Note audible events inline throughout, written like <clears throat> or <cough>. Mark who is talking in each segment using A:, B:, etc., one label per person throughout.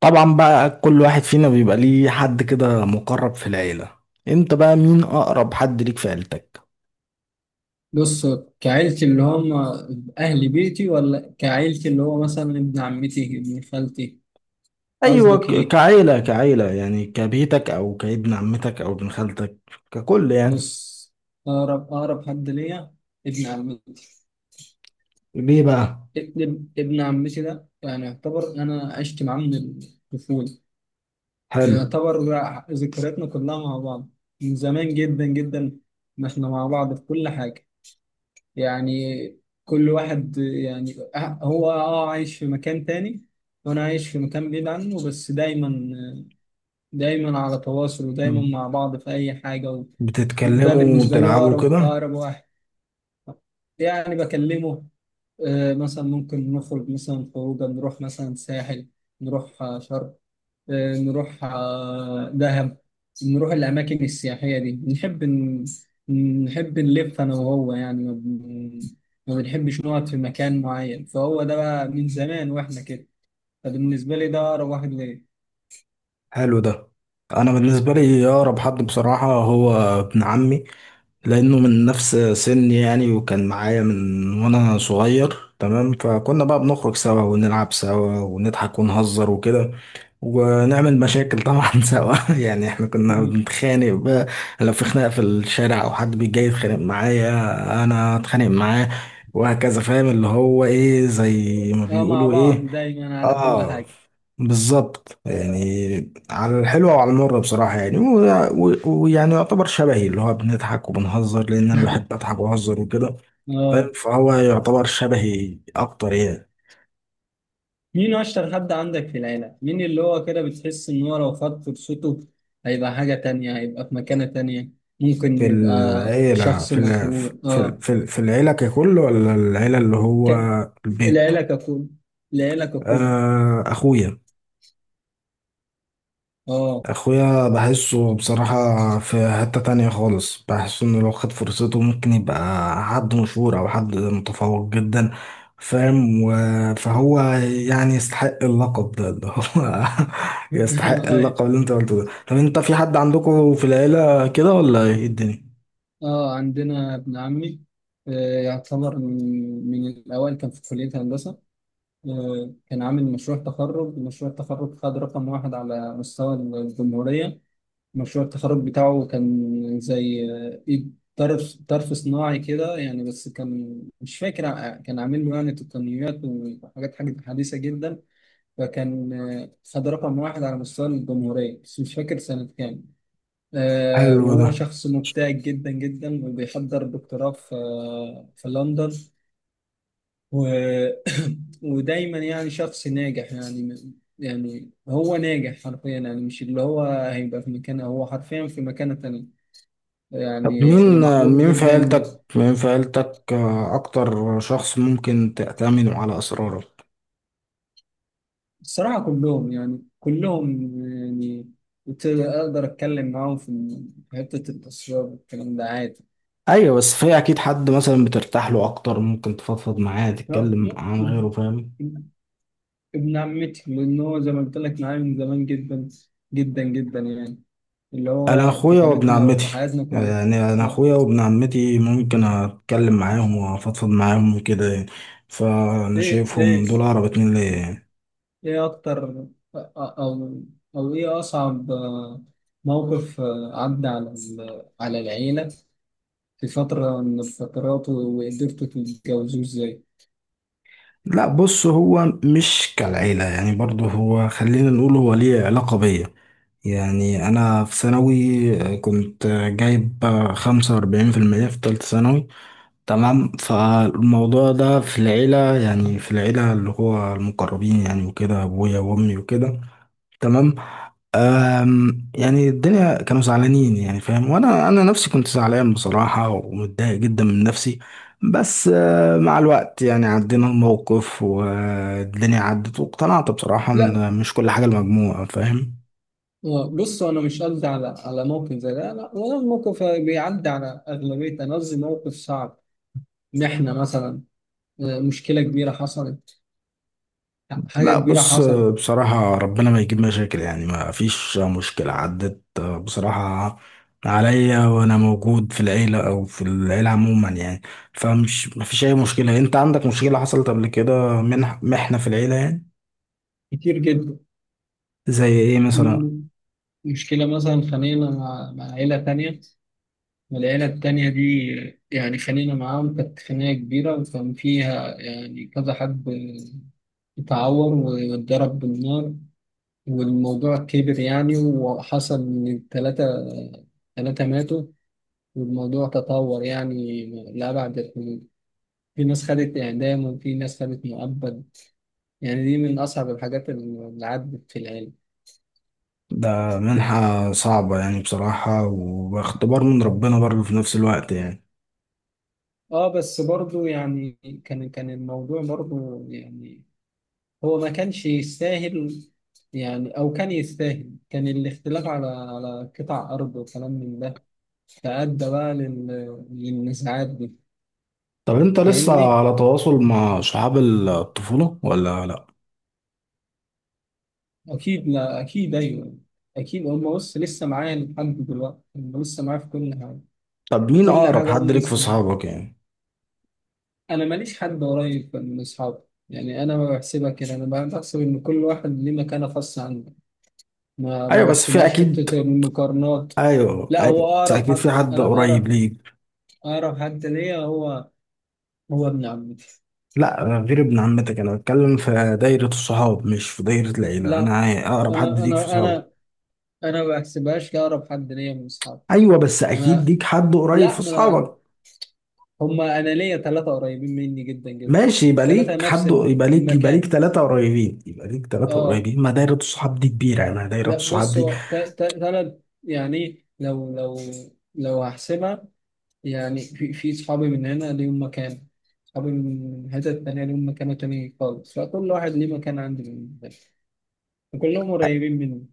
A: طبعا بقى كل واحد فينا بيبقى ليه حد كده مقرب في العيلة. انت بقى مين اقرب حد ليك في عيلتك؟
B: بص، كعيلتي اللي هم أهل بيتي، ولا كعيلتي اللي هو مثلا ابن عمتي، ابن خالتي؟
A: ايوه،
B: قصدك إيه؟
A: كعيلة كعيلة يعني، كبيتك او كابن عمتك او ابن خالتك؟ ككل يعني.
B: بص، أقرب حد ليا ابن عمتي.
A: ليه بقى؟
B: ابن عمتي ده يعني يعتبر أنا عشت معاه من الطفولة.
A: حلو.
B: يعتبر بقى ذكرياتنا كلها مع بعض من زمان جدا جدا، ما إحنا مع بعض في كل حاجة يعني. كل واحد يعني هو عايش في مكان تاني، وأنا عايش في مكان بعيد عنه، بس دايما دايما على تواصل، ودايما
A: مم.
B: مع بعض في أي حاجة. وده
A: بتتكلموا
B: بالنسبة لي هو
A: وتلعبوا
B: أقرب
A: كده؟
B: أقرب واحد يعني بكلمه. مثلا ممكن نخرج مثلا خروجة، نروح مثلا ساحل، نروح شرق، نروح دهب، نروح الأماكن السياحية دي. نحب نحب نلف أنا وهو، يعني ما بنحبش نقعد في مكان معين، فهو ده بقى من زمان وإحنا كده. فبالنسبة لي ده أقرب واحد ليا.
A: حلو ده. انا بالنسبة لي اقرب حد بصراحة هو ابن عمي. لانه من نفس سني يعني، وكان معايا من وانا صغير، تمام، فكنا بقى بنخرج سوا ونلعب سوا ونضحك ونهزر وكده، ونعمل مشاكل طبعا <laughs> سوا، يعني احنا كنا
B: <laughs>
A: بنتخانق بقى. لو في خناقه في الشارع او حد بيجي يتخانق معايا انا اتخانق معاه، وهكذا. فاهم اللي هو ايه زي ما
B: اه، مع
A: بيقولوا
B: بعض
A: ايه.
B: دايما على كل
A: اه،
B: حاجة.
A: بالظبط يعني، على الحلوة وعلى المرة بصراحة، يعني و- و- ويعني يعتبر شبهي، اللي هو بنضحك وبنهزر لأن أنا بحب أضحك وأهزر وكده،
B: اه،
A: فاهم، فهو يعتبر شبهي أكتر يعني.
B: مين اشطر حد عندك في العيله؟ مين اللي هو كده بتحس ان هو لو خد فرصته هيبقى حاجه تانية، هيبقى في مكانه تانية؟ ممكن
A: في
B: يبقى
A: العيلة،
B: شخص مشهور. اه،
A: في العيلة ككل ولا العيلة اللي هو
B: ك...
A: البيت؟
B: العيله ككل، العيله ككل.
A: أخويا.
B: اه.
A: اخويا بحسه بصراحة في حتة تانية خالص، بحسه انه لو خد فرصته ممكن يبقى حد مشهور او حد متفوق جدا، فاهم، فهو يعني يستحق اللقب ده اللي هو... <laughs> يستحق
B: <laughs> أي.
A: اللقب اللي انت قلته ده. طب انت في حد عندكم في العيلة كده ولا ايه الدنيا؟
B: اه، عندنا ابن عمي. آه، يعتبر من الاوائل. كان في كليه هندسه. آه، كان عامل مشروع مشروع التخرج، خد رقم واحد على مستوى الجمهوريه. مشروع التخرج بتاعه كان زي إيد طرف صناعي كده يعني، بس كان مش فاكر. كان عامل له يعني تقنيات حاجة حديثة جدا. فكان خد رقم واحد على مستوى الجمهورية، بس مش فاكر سنة كام.
A: حلو ده.
B: وهو شخص مبتهج جدا جدا، وبيحضر دكتوراه في لندن و... <coughs> <clears throat> ودايما يعني شخص ناجح يعني. يعني هو ناجح حرفيا يعني، مش اللي هو هيبقى في مكانه، هو حرفيا في مكانة تانية
A: طب
B: يعني،
A: مين
B: ومحبوب
A: مين في
B: جدا.
A: عيلتك مين في عيلتك اكتر شخص ممكن تأتمنه على اسراره؟
B: الصراحة كلهم، يعني كلهم يعني كنت أقدر أتكلم معاهم في حتة التصوير والكلام ده عادي.
A: ايوه بس في اكيد حد مثلا بترتاح له اكتر، ممكن تفضفض معاه
B: هو
A: تتكلم عن غيره، فاهم؟
B: م- ابن عمتي، لأن هو زي ما قلت لك معايا من زمان جدا جدا جدا يعني، اللي
A: انا
B: هو
A: اخويا وابن
B: طفولتنا
A: عمتي،
B: وحياتنا كلها.
A: يعني انا
B: آه.
A: اخويا وابن عمتي ممكن اتكلم معاهم وافضفض معاهم وكده يعني. فانا
B: إيه، إيه،
A: شايفهم دول اقرب اتنين ليا يعني.
B: إيه أكتر، أو أو إيه أصعب موقف عدى على على العيلة في فترة من الفترات، وقدرتوا تتجوزوه ازاي؟
A: لا بص، هو مش كالعيلة يعني، برضه هو خلينا نقول هو ليه علاقة بيا. يعني أنا في ثانوي كنت جايب 45% في تالتة ثانوي، تمام، فالموضوع ده في العيلة يعني، في العيلة اللي هو المقربين يعني، وكده أبويا وأمي وكده، تمام. يعني الدنيا كانوا زعلانين يعني، فاهم، وأنا أنا نفسي كنت زعلان بصراحة ومتضايق جدا من نفسي. بس مع الوقت يعني عدينا الموقف والدنيا عدت واقتنعت بصراحة
B: لا،
A: إن مش كل حاجة المجموعة، فاهم.
B: بصوا أنا مش قصدي على موقف زي ده، لا، ولا الموقف بيعدي على أغلبية. أنا قصدي موقف صعب، إن إحنا مثلا مشكلة كبيرة حصلت، حاجة
A: لا
B: كبيرة
A: بص،
B: حصلت.
A: بصراحة ربنا ما يجيب مشاكل، يعني ما فيش مشكلة عدت بصراحة عليا وأنا موجود في العيلة، أو في العيلة عموما يعني. ما فيش أي مشكلة. أنت عندك مشكلة حصلت قبل كده، محنة في العيلة يعني؟
B: كتير جدا.
A: زي إيه مثلا؟
B: م- مشكلة مثلا خانقنا مع عيلة تانية، والعيلة التانية دي يعني خانقنا معاهم، كانت خناقة كبيرة، وكان فيها يعني كذا حد اتعور واتضرب بالنار، والموضوع كبر يعني، وحصل إن ثلاثة ماتوا، والموضوع تطور يعني لأبعد الحدود. في ناس خدت إعدام، وفي ناس خدت مؤبد. يعني دي من أصعب الحاجات اللي عدت في العلم.
A: ده منحة صعبة يعني بصراحة، واختبار من ربنا برضه في نفس الوقت يعني.
B: آه، بس برضو يعني كان الموضوع، برضو يعني هو ما كانش يستاهل، يعني أو كان يستاهل. كان الاختلاف على قطع أرض، وكلام من ده، فأدى بقى للنزاعات دي.
A: طب أنت لسه
B: فاهمني؟
A: على تواصل مع صحاب الطفولة ولا لأ؟
B: أكيد، لا أكيد أيوه. أكيد هم، بص، لسه معايا لحد دلوقتي. هم لسه معايا في كل حاجة،
A: طب مين
B: وكل
A: أقرب
B: حاجة
A: حد
B: هم
A: ليك في
B: لسه معايا.
A: صحابك يعني؟
B: أنا ماليش حد قريب من أصحابي يعني. أنا ما بحسبها كده، أنا بحسب إن كل واحد ليه مكانة خاصة عنده، ما
A: ايوه بس في
B: بحسبهاش
A: اكيد.
B: حتة المقارنات.
A: ايوه
B: لا، هو
A: ايوه بس
B: أقرب
A: اكيد
B: حد،
A: في حد
B: أنا
A: قريب
B: أقرب
A: ليك.
B: أقرب حد ليا هو ابن عمتي.
A: لا غير ابن عمتك، انا بتكلم في دايره الصحاب مش في دايره العيله،
B: لا،
A: انا اقرب حد
B: أنا
A: ليك في
B: أنا
A: صحابك.
B: أنا أنا ما بحسبهاش كأقرب حد ليا من أصحابي.
A: ايوه بس
B: أنا،
A: اكيد ليك حد قريب
B: لا
A: في
B: ما أنا،
A: صحابك.
B: هما، انا ليا ثلاثه قريبين مني جدا جدا،
A: ماشي، يبقى
B: الثلاثه
A: ليك
B: نفس
A: حد، يبقى ليك
B: المكان.
A: ثلاثه قريبين، يبقى ليك ثلاثه
B: اه،
A: قريبين، ما دايره الصحاب دي كبيره، انا دايره
B: لا
A: الصحاب
B: بص،
A: دي...
B: هو ثلاث يعني لو، لو هحسبها يعني، في صحابي من هنا ليهم مكان، صحابي من حتة تانية ليهم مكانة تانية خالص، فكل واحد ليه مكان عندي بالنسبة لي، وكلهم قريبين مني.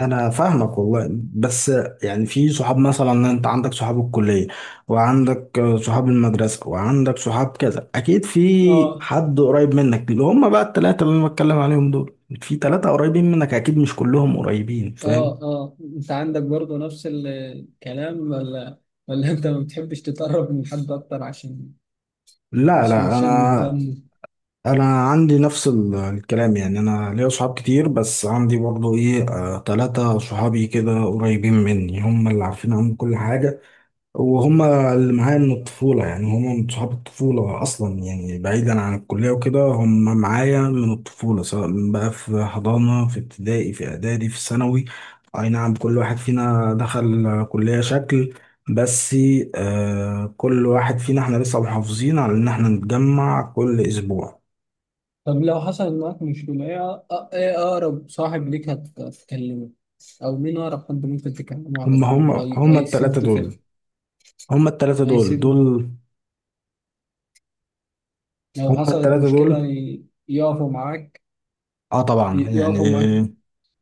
A: انا فاهمك والله، بس يعني في صحاب مثلا، انت عندك صحاب الكليه وعندك صحاب المدرسه وعندك صحاب كذا، اكيد في
B: اه،
A: حد قريب منك، اللي هم بقى الثلاثه اللي انا بتكلم عليهم دول. في ثلاثه قريبين منك اكيد، مش كلهم قريبين،
B: اه،
A: فاهم.
B: اه، انت عندك برضه نفس الكلام، ولا انت ما بتحبش تتقرب من حد اكتر عشان؟
A: لا
B: مش
A: لا،
B: مش مش ده.
A: انا انا عندي نفس الكلام يعني، انا ليا صحاب كتير بس عندي برضو ايه؟ ثلاثه صحابي كده قريبين مني، هم اللي عارفين عنهم كل حاجه، وهما اللي معايا من الطفولة يعني، هما من صحاب الطفولة أصلا يعني، بعيدا عن الكلية وكده، هما معايا من الطفولة سواء من بقى في حضانة، في ابتدائي، في إعدادي، في ثانوي. أي نعم، كل واحد فينا دخل كلية شكل، بس كل واحد فينا احنا لسه محافظين على إن احنا نتجمع كل أسبوع.
B: طب لو حصل معاك مشكلة ايه، إيه أقرب صاحب ليك هتكلمه، أو مين أقرب حد ممكن تكلمه على
A: هما
B: طول
A: هما هما التلاتة
B: هيسد في،
A: دول، هما التلاتة دول
B: هيسد
A: دول
B: لو
A: هما
B: حصلت
A: التلاتة
B: مشكلة؟
A: دول.
B: يقفوا معاك،
A: اه طبعا يعني،
B: يقفوا معاك؟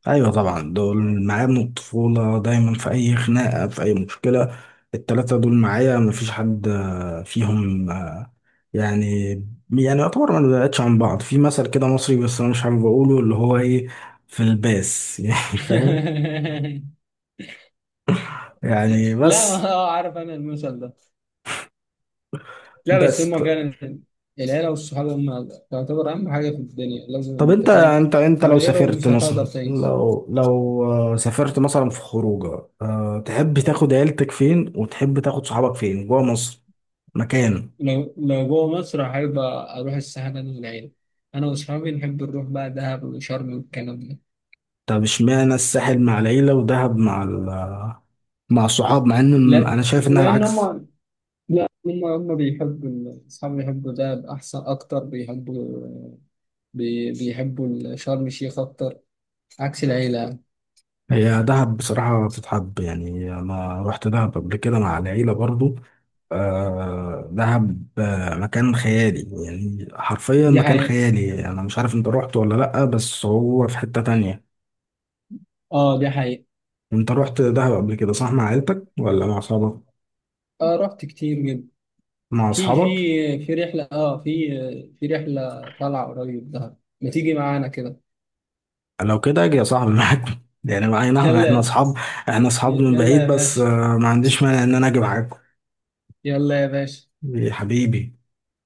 A: ايوه طبعا، دول معايا من الطفوله، دايما في اي خناقه في اي مشكله التلاته دول معايا، مفيش حد فيهم يعني يعني يعتبر ما نبعدش عن بعض. في مثل كده مصري بس انا مش حابب اقوله، اللي هو ايه، في الباس <laughs> يعني فاهم؟
B: <laughs>
A: يعني
B: لا،
A: بس،
B: ما هو عارف أنا المثل ده. لا، بس
A: بس
B: هما
A: ط-
B: فعلا العيلة والصحاب هما تعتبر أهم حاجة في الدنيا، لازم.
A: طب
B: أنت
A: انت
B: فاهم،
A: انت انت
B: من
A: لو
B: غيرهم
A: سافرت
B: مش هتقدر
A: مثلا،
B: تعيش.
A: لو سافرت مثلا في خروجه، تحب تاخد عيلتك فين وتحب تاخد صحابك فين جوه مصر؟ مكان.
B: لو جوه مصر أحب أروح الساحل أنا والعيلة، أنا وأصحابي نحب نروح بقى دهب وشرم والكلام ده.
A: طب اشمعنى الساحل مع العيلة ودهب مع الصحاب، مع ان
B: لا،
A: انا شايف انها
B: لأن
A: العكس.
B: هما، لا هما، أصحابي بيحبوا دهب أحسن، أكتر بيحبوا، بيحبوا شرم الشيخ أكتر، عكس العيلة يعني.
A: هي دهب بصراحة بتتحب، يعني انا رحت دهب قبل كده مع العيلة برضو. دهب، مكان خيالي، يعني حرفيا
B: دي
A: مكان
B: حقيقة.
A: خيالي، انا مش عارف انت رحت ولا لأ، بس هو في حتة تانية.
B: آه، دي حقيقة.
A: انت رحت دهب قبل كده صح؟ مع عيلتك ولا مع اصحابك؟
B: آه، رحت كتير جدا.
A: مع
B: في في
A: اصحابك.
B: في رحلة، في رحلة طالعة قريب دهب، ما تيجي معانا كده؟
A: لو كده اجي يا صاحبي معاك <laughs> يعني معانا، احنا
B: يلا،
A: اصحاب، احنا اصحاب من
B: يلا
A: بعيد،
B: يا
A: بس
B: باشا،
A: ما عنديش مانع ان انا اجي معاكم.
B: يلا يا باشا.
A: يا حبيبي.